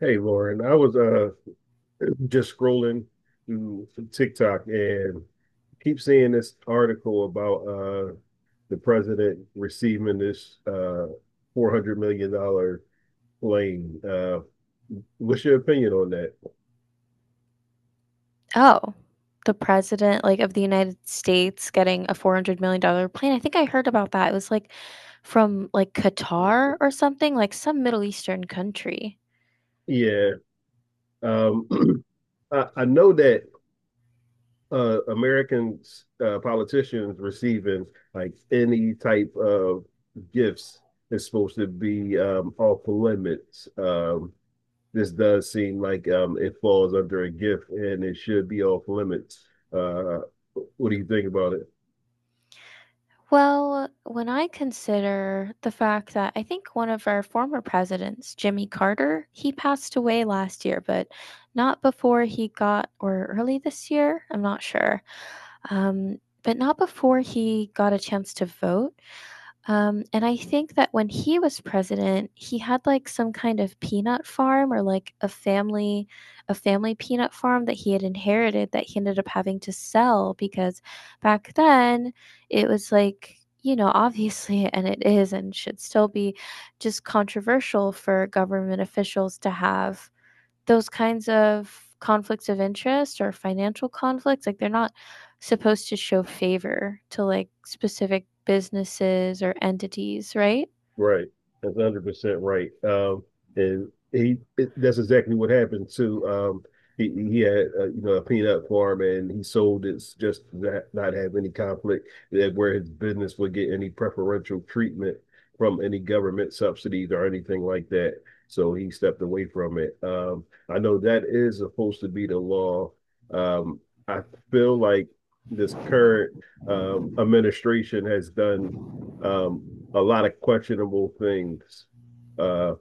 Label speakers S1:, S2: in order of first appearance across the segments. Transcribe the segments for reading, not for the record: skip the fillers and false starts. S1: Hey Lauren, I was just scrolling through TikTok and keep seeing this article about the president receiving this $400 million plane. What's your opinion on that?
S2: Oh, the president, like, of the United States getting a $400 million dollar plane. I think I heard about that. It was, like, from, like, Qatar or something, like, some Middle Eastern country.
S1: Yeah. Um I know that American politicians receiving like any type of gifts is supposed to be off limits. This does seem like it falls under a gift and it should be off limits. Uh, what do you think about it?
S2: Well, when I consider the fact that I think one of our former presidents, Jimmy Carter, he passed away last year, but not before he got or early this year, I'm not sure, but not before he got a chance to vote. And I think that when he was president, he had like some kind of peanut farm or like a family peanut farm that he had inherited that he ended up having to sell because back then it was like, you know, obviously and it is and should still be just controversial for government officials to have those kinds of conflicts of interest or financial conflicts like they're not supposed to show favor to like specific businesses or entities, right?
S1: Right. That's 100% right. And that's exactly what happened to he had you know a peanut farm and he sold it just not have any conflict that where his business would get any preferential treatment from any government subsidies or anything like that. So he stepped away from it. I know that is supposed to be the law. Um, I feel like this current administration has done um a lot of questionable things uh,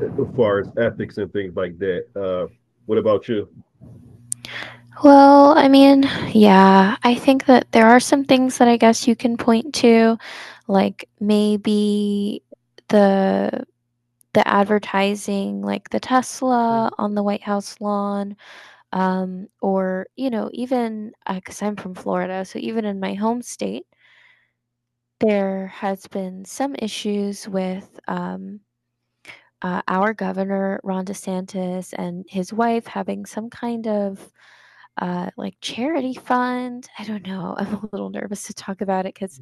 S1: as far as ethics and things like that. What about you?
S2: Well, I mean, yeah, I think that there are some things that I guess you can point to like maybe the the advertising like the Tesla on the White House lawn or you know, even because cuz I'm from Florida, so even in my home state, there has been some issues with our governor Ron DeSantis and his wife having some kind of like charity fund. I don't know. I'm a little nervous to talk about it because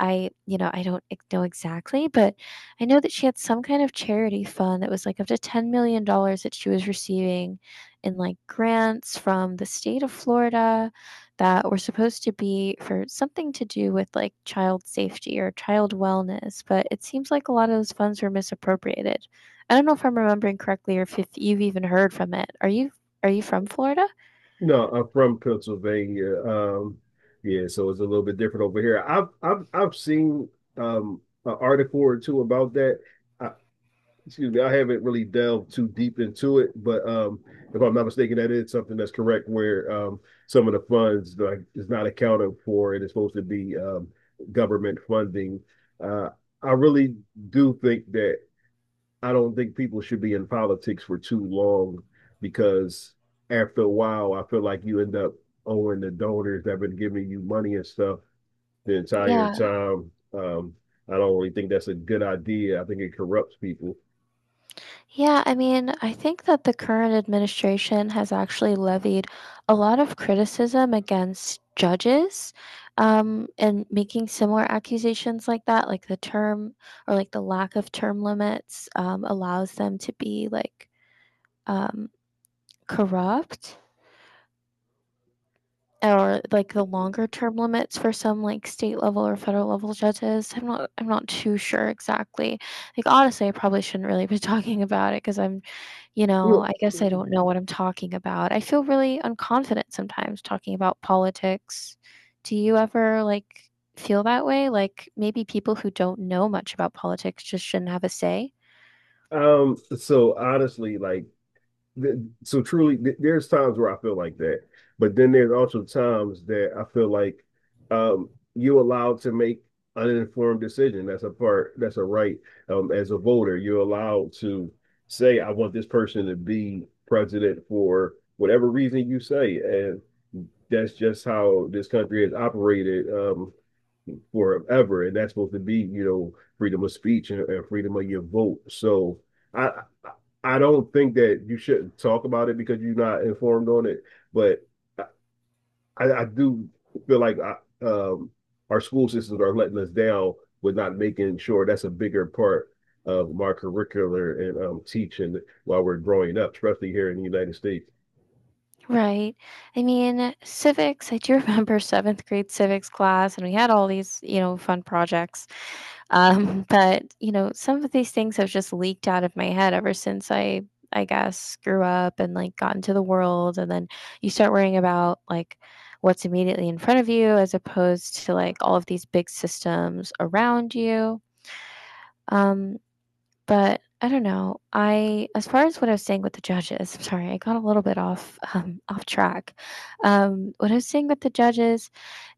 S2: I, you know, I don't know exactly, but I know that she had some kind of charity fund that was like up to $10 million dollars that she was receiving in like grants from the state of Florida that were supposed to be for something to do with like child safety or child wellness. But it seems like a lot of those funds were misappropriated. I don't know if I'm remembering correctly or if you've even heard from it. Are you from Florida?
S1: No, I'm from Pennsylvania. Yeah, so it's a little bit different over here. I've seen an article or two about that. I, excuse me, I haven't really delved too deep into it, but if I'm not mistaken, that is something that's correct where some of the funds like is not accounted for and it's supposed to be government funding. Uh, I really do think that I don't think people should be in politics for too long because after a while, I feel like you end up owing the donors that have been giving you money and stuff the entire
S2: Yeah.
S1: time. I don't really think that's a good idea. I think it corrupts people.
S2: Yeah, I mean, I think that the current administration has actually levied a lot of criticism against judges, and making similar accusations like that, like the term or, like, the lack of term limits, allows them to be, like, um, corrupt. Or like the longer term limits for some like state level or federal level judges. I'm not too sure exactly. Like honestly, I probably shouldn't really be talking about it because I'm, you know,
S1: Look,
S2: I guess I don't know what I'm talking about. I feel really unconfident sometimes talking about politics. Do you ever like feel that way? Like maybe people who don't know much about politics just shouldn't have a say?
S1: so honestly, like, th- so truly, there's times where I feel like that, but then there's also times that I feel like, um, you're allowed to make an informed decision. That's a part. That's a right. As a voter, you're allowed to say, "I want this person to be president for whatever reason you say," and that's just how this country has operated. Forever, and that's supposed to be, you know, freedom of speech and freedom of your vote. So I I don't think that you shouldn't talk about it because you're not informed on it, but I do feel like um, our school systems are letting us down with not making sure that's a bigger part of our curricular and teaching while we're growing up, especially here in the United States.
S2: Right. I mean, civics, I do remember 7th grade civics class, and we had all these, you know, fun projects. But, you know, some of these things have just leaked out of my head ever since I guess grew up and like got into the world and then you start worrying about like what's immediately in front of you as opposed to like all of these big systems around you. Um, but I don't know. I as far as what I was saying with the judges, I'm sorry, I got a little bit off off track. What I was saying with the judges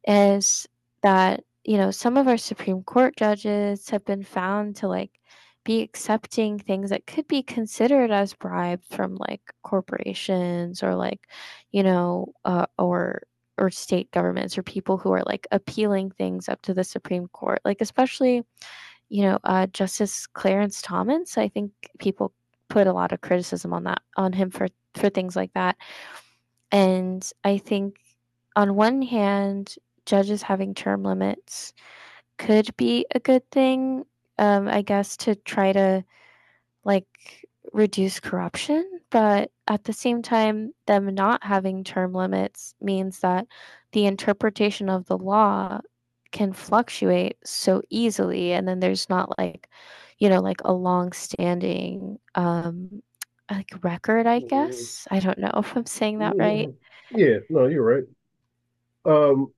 S2: is that you know some of our Supreme Court judges have been found to like be accepting things that could be considered as bribes from like corporations or like or state governments or people who are like appealing things up to the Supreme Court like especially Justice Clarence Thomas. I think people put a lot of criticism on that on him for things like that, and I think on one hand, judges having term limits could be a good thing, I guess, to try to like reduce corruption. But at the same time, them not having term limits means that the interpretation of the law can fluctuate so easily. And then there's not like, you know, like a long standing like record, I
S1: Mhm.
S2: guess. I don't know if I'm saying that
S1: Yeah,
S2: right.
S1: yeah, no, you're right. Um,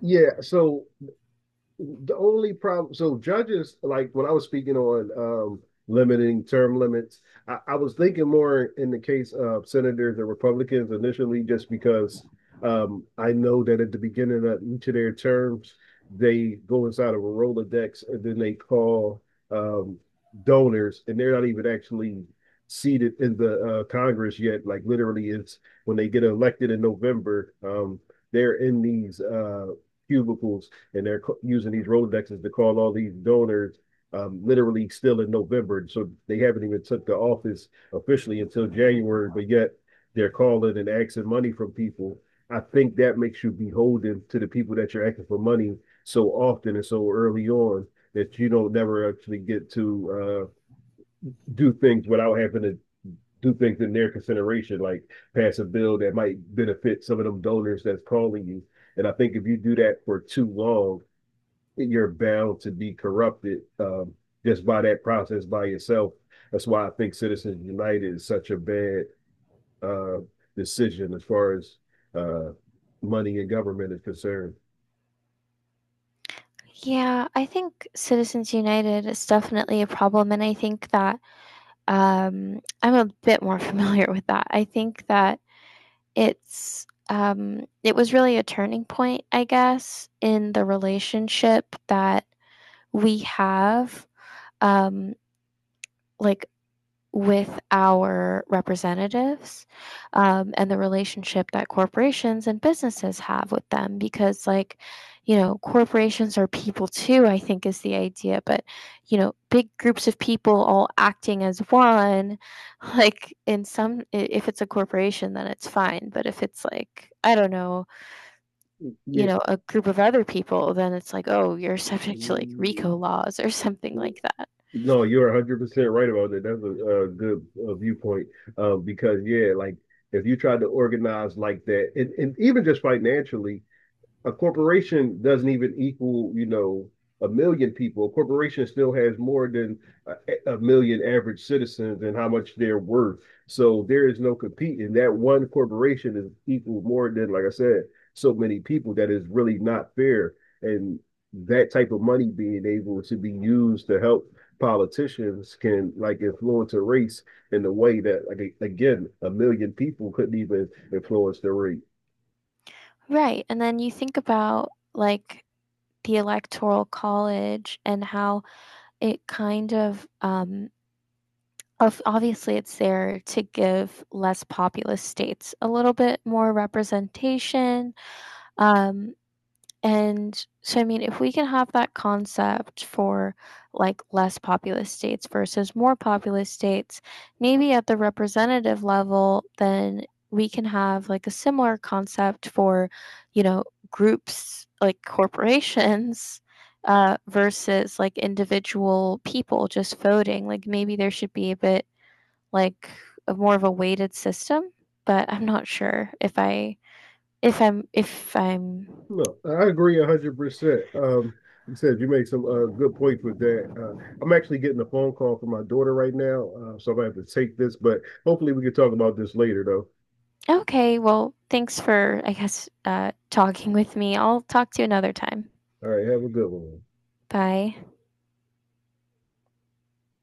S1: yeah, so the only problem, so judges, like when I was speaking on limiting term limits, I was thinking more in the case of senators and republicans initially just because I know that at the beginning of each of their terms they go inside of a rolodex and then they call um donors and they're not even actually seated in the congress yet, like literally it's when they get elected in November. They're in these cubicles and they're using these Rolodexes to call all these donors. Literally still in November, so they haven't even took the office officially until January, but yet they're calling and asking money from people. I think that makes you beholden to the people that you're asking for money so often and so early on that you don't never actually get to do things without having to do things in their consideration, like pass a bill that might benefit some of them donors that's calling you. And I think if you do that for too long, you're bound to be corrupted, just by that process by yourself. That's why I think Citizens United is such a bad uh, decision as far as uh, money in government is concerned.
S2: Yeah, I think Citizens United is definitely a problem, and I think that I'm a bit more familiar with that. I think that it was really a turning point, I guess, in the relationship that we have, um, like with our representatives, and the relationship that corporations and businesses have with them because, like, you know, corporations are people too, I think is the idea, but, you know, big groups of people all acting as one, like, in some if it's a corporation, then it's fine, but if it's like, I don't know, you
S1: Yeah.
S2: know, a group of other people, then it's like, "Oh, you're subject to, like,
S1: Mm-hmm.
S2: RICO laws," or something like that.
S1: No, you're 100% right about that. That's a good viewpoint, because, yeah, like if you tried to organize like that, and even just financially, a corporation doesn't even equal, you know, a million people. A corporation still has more than a million average citizens and how much they're worth. So there is no competing. That one corporation is equal more than, like I said, so many people that is really not fair. And that type of money being able to be used to help politicians can like influence a race in a way that like again a million people couldn't even influence the race.
S2: Right, and then you think about, like, the electoral college and how it kind of obviously it's there to give less populous states a little bit more representation um and so, I mean, if we can have that concept for like less populous states versus more populous states, maybe at the representative level, then we can have like a similar concept for, you know, groups like corporations versus like individual people just voting. Like maybe there should be a bit like a more of a weighted system, but I'm not sure if I'm.
S1: Look, I agree 100%. You said you make some good points with that. I'm actually getting a phone call from my daughter right now, so I'm gonna have to take this, but hopefully we can talk about this later, though.
S2: Okay, well, thanks for, I guess, talking with me. I'll talk to you another time.
S1: All right, have a good one.
S2: Bye.